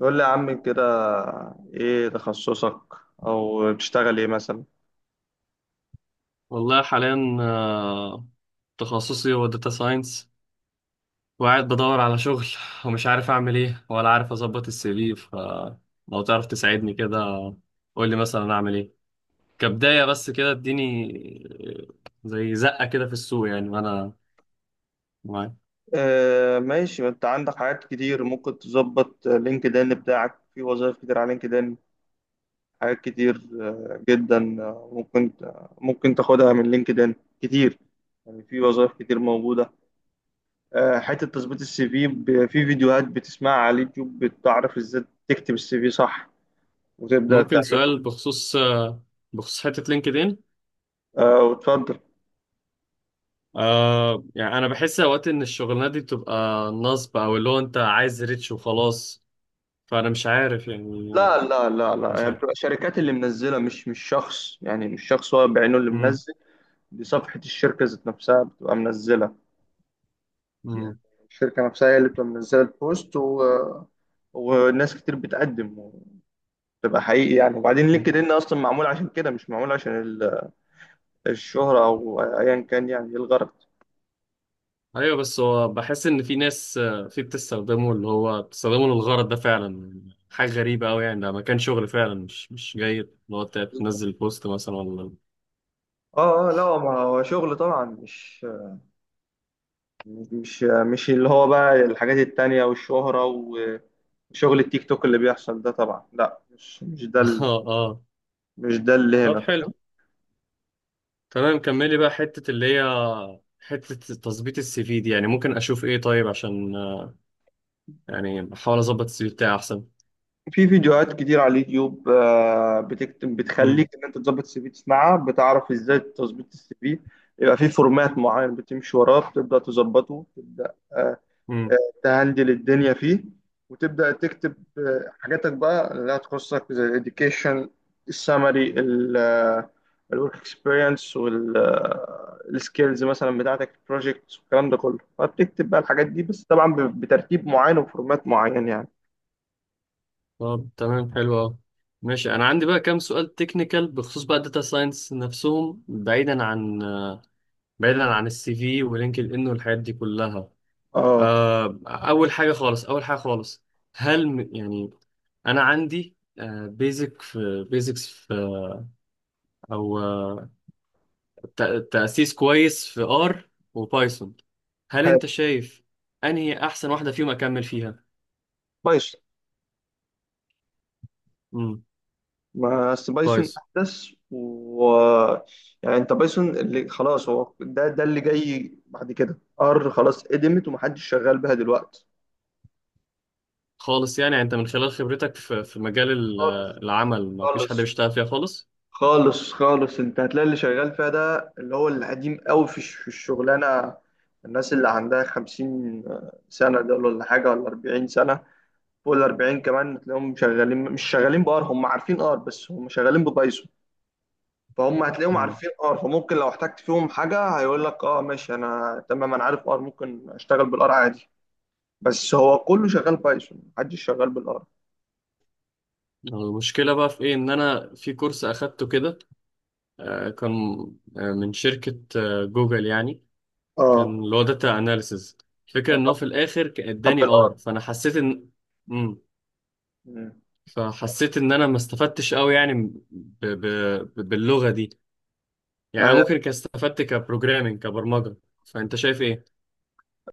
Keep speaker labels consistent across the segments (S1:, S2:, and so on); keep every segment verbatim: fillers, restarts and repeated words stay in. S1: قول لي يا عم كده، ايه تخصصك او بتشتغل ايه مثلا؟
S2: والله حاليا آه، تخصصي هو داتا ساينس، وقاعد بدور على شغل ومش عارف اعمل ايه، ولا عارف اظبط السي في. فلو تعرف تساعدني كده، قول لي مثلا اعمل ايه كبداية، بس كده اديني آه، زي زقة كده في السوق يعني، وانا معاك.
S1: آه ماشي، ما انت عندك حاجات كتير، ممكن تظبط لينكد ان بتاعك، في وظائف كتير على لينكد ان حاجات كتير، آه، جدا. آه، ممكن ممكن تاخدها من لينكد ان كتير، يعني في وظائف كتير موجودة. آه، حتة تظبيط السي في ب- في فيديوهات بتسمعها على اليوتيوب، بتعرف ازاي تكتب السي في صح وتبدأ
S2: ممكن
S1: تعمله.
S2: سؤال بخصوص آه، بخصوص حتة لينكدين؟
S1: آه، وتفضل.
S2: آه يعني انا بحس اوقات ان الشغلانات دي بتبقى نصب، او اللي هو انت عايز ريتش وخلاص، فانا مش عارف يعني
S1: لا
S2: آه،
S1: لا لا
S2: مش
S1: لا، هي
S2: عارف.
S1: بتبقى شركات اللي منزله، مش مش شخص، يعني مش شخص هو بعينه اللي
S2: مم.
S1: منزل. دي صفحه الشركه ذات نفسها بتبقى منزله، يعني
S2: مم.
S1: الشركه نفسها هي اللي بتبقى منزله البوست و... وناس كتير بتقدم، بتبقى حقيقي. يعني وبعدين
S2: مم.
S1: لينكد ان اصلا معمول عشان كده، مش معمول عشان ال- الشهره او ايا كان. يعني إيه الغرض؟
S2: ايوه، بس هو بحس ان في ناس آه، في بتستخدمه، اللي هو بتستخدمه للغرض ده فعلا. حاجه غريبه قوي، يعني ده مكان شغل فعلا، مش مش جاي اللي هو تنزل بوست مثلا ولا.
S1: اه اه، لا، ما هو شغل طبعا، مش مش مش اللي هو بقى الحاجات التانية والشهرة. شغل التيك توك اللي بيحصل ده طبعا لا، مش مش ده، ال-
S2: اه اه.
S1: مش ده اللي
S2: طب
S1: هنا،
S2: حلو،
S1: فاهم.
S2: تمام، كملي بقى حته اللي هي حته تظبيط السي في دي، يعني ممكن اشوف ايه طيب عشان آه، يعني احاول اظبط السي في بتاعي احسن.
S1: في فيديوهات كتير على اليوتيوب، آه، بتكتب، بتخليك
S2: امم.
S1: ان انت تظبط السي في، تسمعها بتعرف ازاي تظبط السي في. يبقى في فورمات معين بتمشي وراه بتبدا تظبطه، تبدا آه،
S2: امم.
S1: تهندل الدنيا فيه، وتبدأ تكتب آه، حاجاتك بقى اللي هتخصك، زي ال education، السمري، الورك اكسبيرينس والسكيلز مثلا، بتاعتك في البروجكت والكلام ده كله. فبتكتب بقى الحاجات دي، بس طبعا ب- بترتيب معين وفورمات معين يعني.
S2: طب تمام، حلو قوي، ماشي. انا عندي بقى كام سؤال تكنيكال بخصوص بقى الداتا ساينس نفسهم، بعيدا عن بعيدا عن السي في ولينكد ان والحاجات دي كلها.
S1: اه،
S2: آه، اول حاجه خالص اول حاجه خالص، هل م- يعني انا عندي بيزك في بيزكس في، او آه، ت- تاسيس كويس في ار وبايثون. هل
S1: حلو.
S2: انت شايف انهي احسن واحده فيهم اكمل فيها؟
S1: بايثون.
S2: امم.
S1: ما أصل بايثون
S2: بايثون.
S1: احدث، و... يعني انت بايثون اللي خلاص، هو ده ده اللي جاي بعد كده. ار خلاص قدمت ومحدش شغال بها دلوقتي.
S2: خالص يعني يعني انت من خلال خبرتك في في مجال ال-
S1: خالص.
S2: العمل ما فيش حد
S1: خالص
S2: بيشتغل فيها خالص.
S1: خالص خالص، انت هتلاقي اللي شغال فيها ده اللي هو القديم قوي في الش- في الشغلانه. الناس اللي عندها خمسين سنه دول ولا حاجه، ولا أربعين سنه، فوق الأربعين كمان تلاقيهم شغالين، مش شغالين بار، هم عارفين ار بس هم شغالين ببايثون. فهم هتلاقيهم
S2: امم.
S1: عارفين ار، فممكن لو احتجت فيهم حاجه هيقول لك اه ماشي، انا تمام انا عارف ار، ممكن اشتغل بالار عادي. بس هو كله شغال بايثون، محدش شغال بالار.
S2: المشكله بقى في ايه، ان انا في كورس اخدته كده، آه، كان آه، من شركة آه، جوجل يعني، كان
S1: اه.
S2: اللي هو داتا اناليسز. الفكرة ان هو
S1: طب
S2: في الاخر ك-
S1: طب
S2: اداني ار، فانا حسيت ان مم.
S1: بالار.
S2: فحسيت ان انا ما استفدتش قوي يعني ب... ب... ب- باللغة دي. يعني انا ممكن كان استفدت كبروجرامينج، كبرمجة. فانت شايف ايه؟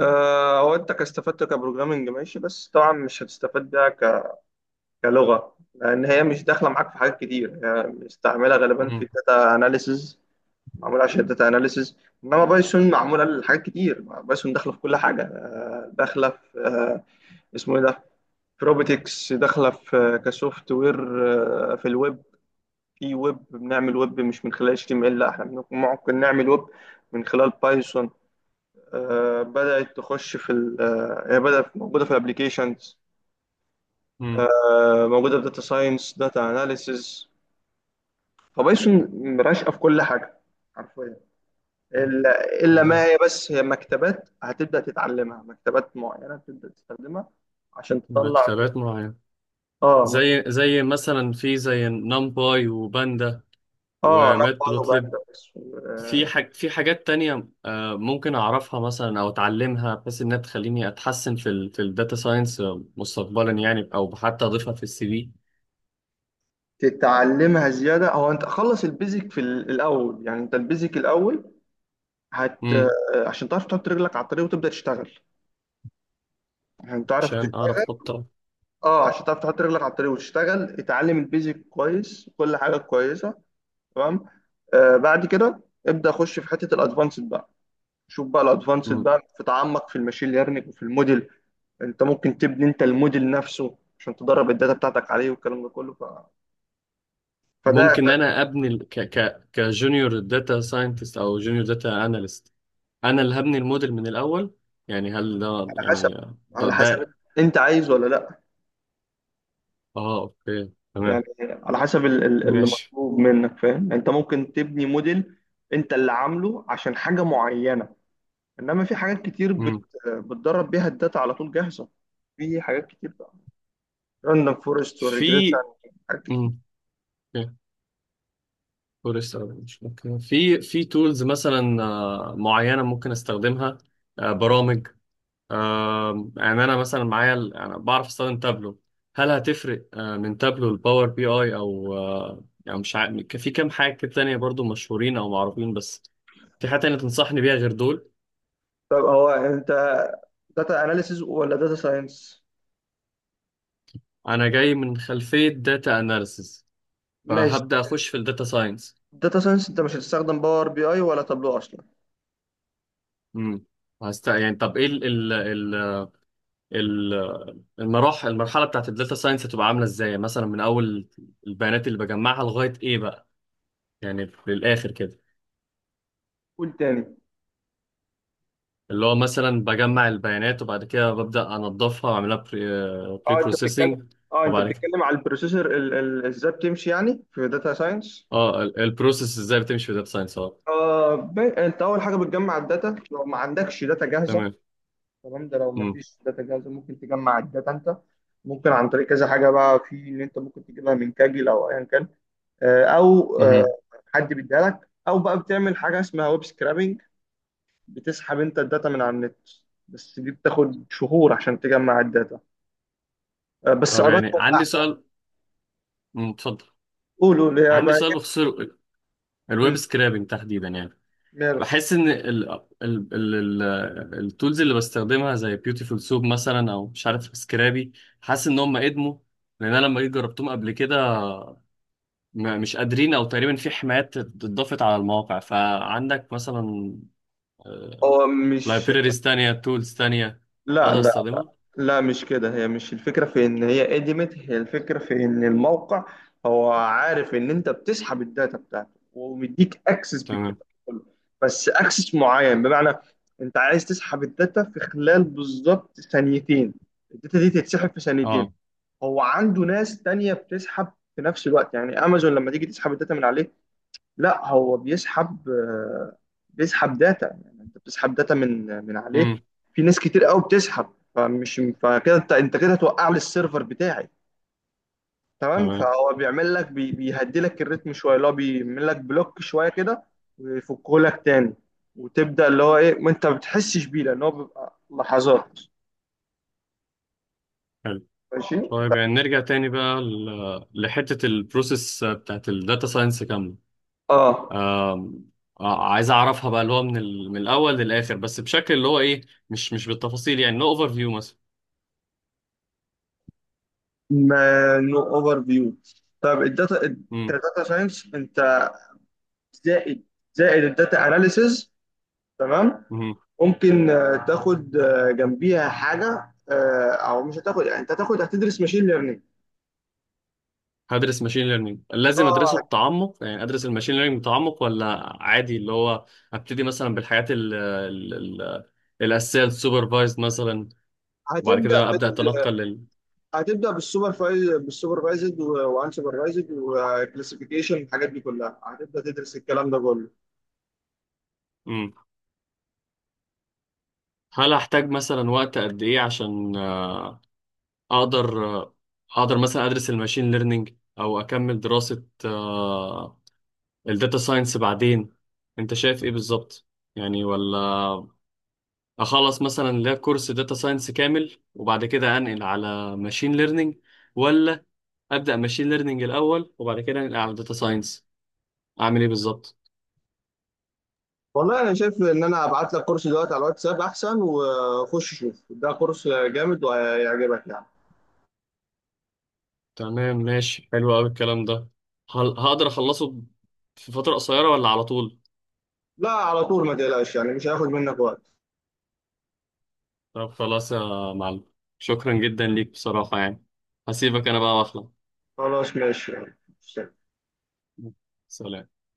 S1: آه، هو انت كاستفدت كبروجرامنج ماشي، بس طبعا مش هتستفاد بيها ك- كلغه، لان هي مش داخله معاك في حاجات كتير، هي مستعمله غالبا
S2: مم.
S1: في داتا اناليسز، معموله عشان الداتا اناليسز. انما بايثون معموله لحاجات كتير. بايثون داخله في كل حاجه، آه، داخله في آه، اسمه ايه ده، في روبوتكس، داخله في كسوفت وير، آه، في الويب. في ويب، بنعمل ويب مش من خلال اتش تي ام ال، لا احنا بن- ممكن نعمل ويب من خلال بايثون. آه، بدأت تخش في ال آه، هي بدأت موجودة في الابليكيشنز،
S2: مم.
S1: آه، موجودة في داتا ساينس، داتا اناليسيز. فبايثون راشقة في كل حاجة حرفيا، إلا إلا ما
S2: تمام.
S1: هي، بس هي مكتبات هتبدأ تتعلمها، مكتبات معينة بتبدأ تستخدمها عشان تطلع.
S2: مكتبات معينة،
S1: اه، مك-
S2: زي زي مثلا في زي نمباي، وباندا،
S1: اه، نمبر وبعد.
S2: وماتبلوتليب. في حاج في حاجات تانية آه، ممكن أعرفها مثلا أو أتعلمها، بحيث إنها تخليني أتحسن في ال في الداتا ساينس مستقبلا يعني، أو حتى أضيفها في السي في.
S1: تتعلمها زيادة. هو أنت خلص البيزك في ال- الأول، يعني أنت البيزك الأول، هت آه،
S2: امم.
S1: عشان تعرف تحط رجلك على الطريق وتبدأ تشتغل، عشان تعرف.
S2: عشان أعرف أحطها.
S1: اه، عشان تعرف تحط رجلك على الطريق وتشتغل، اتعلم البيزك كويس، كل حاجه كويسه، تمام. آه، بعد كده ابدا خش في حته الادفانسد بقى، شوف بقى الادفانسد
S2: مم.
S1: بقى، في تعمق في الماشين ليرنينج وفي الموديل. انت ممكن تبني انت الموديل نفسه عشان تدرب الداتا بتاعتك عليه والكلام ده كله. ف... فده على
S2: ممكن أنا أبني ال- ك ك كجونيور داتا ساينتست، أو جونيور داتا أناليست؟ أنا اللي هبني الموديل من الأول؟ يعني هل ده
S1: حسب
S2: يعني آه، ده
S1: على حسب
S2: ده
S1: انت عايز ولا لا،
S2: آه، أوكي،
S1: يعني
S2: تمام،
S1: على حسب ال- ال- اللي
S2: ماشي.
S1: مطلوب منك، فاهم. يعني انت ممكن تبني موديل انت اللي عامله عشان حاجه معينه، انما في حاجات كتير بت...
S2: مم.
S1: بتدرب بيها الداتا على طول جاهزه. في حاجات كتير بقى، راندوم فورست والريجريشن،
S2: في.
S1: حاجات كتير.
S2: مم. فورست مش ممكن في في تولز مثلا آه، معينه ممكن استخدمها، آه، برامج، آه، يعني انا مثلا معايا ال- انا بعرف استخدم تابلو. هل هتفرق آه، من تابلو لباور بي اي، او آه، يعني مش عارف، في كام حاجه كده تانية برضو مشهورين او معروفين، بس في حاجه تانية تنصحني بيها غير دول؟
S1: طب هو انت داتا اناليسيز ولا داتا ساينس؟
S2: انا جاي من خلفيه داتا اناليسيس،
S1: ماشي.
S2: فهبدا اخش في الداتا ساينس.
S1: داتا ساينس، انت مش هتستخدم باور بي اي ولا تابلو اصلا.
S2: امم. هست يعني، طب ايه ال- المراحل المرحله بتاعت الداتا ساينس، هتبقى عامله ازاي مثلا، من اول البيانات اللي بجمعها لغايه ايه بقى، يعني للاخر كده؟
S1: قول تاني.
S2: اللي هو مثلا بجمع البيانات وبعد كده ببدا انضفها واعملها بري
S1: اه انت بتتكلم
S2: بروسيسنج.
S1: اه انت
S2: وبعد كده
S1: بتتكلم على البروسيسور، ال- ال- ازاي بتمشي يعني في داتا ساينس.
S2: اه، ال- البروسيس ازاي بتمشي في الداتا ساينس، اه.
S1: آه ب... انت اول حاجه بتجمع الداتا لو ما عندكش داتا جاهزه،
S2: تمام.
S1: تمام؟ ده لو
S2: مم.
S1: مفيش داتا جاهزه، ممكن تجمع الداتا انت، ممكن عن طريق كذا حاجه بقى، في ان انت ممكن تجيبها من كاجل او ايا كان، آه، او آه،
S2: مهم.
S1: حد بيديها لك، او بقى بتعمل حاجه اسمها ويب سكرابنج، بتسحب انت الداتا من على النت، بس دي بتاخد شهور عشان تجمع الداتا. آه، بس
S2: طب يعني
S1: ادق
S2: عندي
S1: واحدى.
S2: سؤال. مم، اتفضل.
S1: قولوا اللي هي
S2: عندي
S1: بقى
S2: سؤال
S1: إيه؟
S2: بخصوص ال-
S1: مم،
S2: الويب سكرابنج تحديدا يعني.
S1: ميرو.
S2: بحس ان ال ال ال ال التولز اللي بستخدمها زي بيوتيفول سوب مثلا، او مش عارف سكرابي، حاسس ان هم ادموا، لان انا لما جيت جربتهم قبل كده م- مش قادرين، او تقريبا في حمايات اتضافت على المواقع. فعندك مثلا
S1: هو مش
S2: لايبريريز تانية، تولز تانية
S1: لا
S2: اقدر
S1: لا
S2: استخدمها؟
S1: لا، مش كده. هي مش الفكرة في إن هي قدمت، هي الفكرة في إن الموقع هو عارف إن أنت بتسحب الداتا بتاعته ومديك أكسس
S2: تمام.
S1: بالكلام ده كله، بس أكسس معين، بمعنى أنت عايز تسحب الداتا في خلال بالظبط ثانيتين، الداتا دي تتسحب في ثانيتين.
S2: اه.
S1: هو عنده ناس تانية بتسحب في نفس الوقت، يعني أمازون لما تيجي تسحب الداتا من عليه، لا هو بيسحب، آه، بيسحب داتا. يعني انت بتسحب داتا من من عليه،
S2: امم.
S1: في ناس كتير قوي بتسحب، فمش فكده انت انت كده هتوقع لي السيرفر بتاعي، تمام؟
S2: تمام.
S1: فهو بيعمل لك بي بيهدي لك الريتم شويه، اللي هو بيعمل لك بلوك شويه كده، ويفكه لك تاني، وتبدا اللي هو ايه، ما انت ما بتحسش بيه لان هو بيبقى لحظات.
S2: حلو.
S1: ماشي.
S2: طيب يعني نرجع تاني بقى ل- لحتة البروسيس بتاعت الداتا ساينس كاملة،
S1: اه،
S2: آم، آه، عايز اعرفها بقى، اللي هو من ال... من الاول للاخر، بس بشكل اللي هو ايه، مش مش بالتفاصيل يعني، نو اوفر فيو مثلا.
S1: ما نو اوفر فيو. طب الداتا
S2: امم.
S1: الداتا ساينس انت، زائد زائد الداتا اناليسز، تمام.
S2: امم.
S1: ممكن آه، تاخد آه، جنبيها حاجه، آه، او مش هتاخد، يعني انت هتاخد، هتدرس ماشين ليرنينج.
S2: هدرس ماشين ليرنينج؟ لازم ادرسه
S1: اه.
S2: بتعمق يعني، ادرس الماشين ليرنينج بتعمق، ولا عادي اللي هو ابتدي مثلا بالحاجات ال... ال... ال... الاساسيه، السوبرفايزد مثلا، وبعد
S1: هتبدا
S2: كده ابدا
S1: بال
S2: اتنقل لل.
S1: هتبدا بالسوبر فايز بالسوبرفايزد وان سوبرفايزد وكلاسيفيكيشن، الحاجات دي كلها هتبدا تدرس الكلام ده كله.
S2: امم. هل احتاج مثلا وقت قد ايه عشان آه، اقدر آه، اقدر مثلا ادرس الماشين ليرنينج، او اكمل دراسه آه، الداتا ساينس بعدين؟ انت شايف ايه بالظبط يعني؟ ولا اخلص مثلا لا كورس داتا ساينس كامل وبعد كده انقل على ماشين ليرنينج، ولا ابدا ماشين ليرنينج الاول وبعد كده انقل على داتا ساينس، اعمل ايه بالظبط؟
S1: والله انا شايف ان انا هبعت لك كورس دلوقتي على الواتساب احسن، وخش شوف ده كورس جامد وهيعجبك يعني.
S2: تمام، ماشي، حلو قوي الكلام ده. هل هقدر اخلصه في فترة قصيرة، ولا على طول؟
S1: لا، على طول، ما تقلقش يعني، مش هياخد منك وقت.
S2: طب خلاص يا معلم، شكرا جدا ليك بصراحة يعني. هسيبك انا بقى واخلع.
S1: خلاص، ماشي، يلا.
S2: سلام.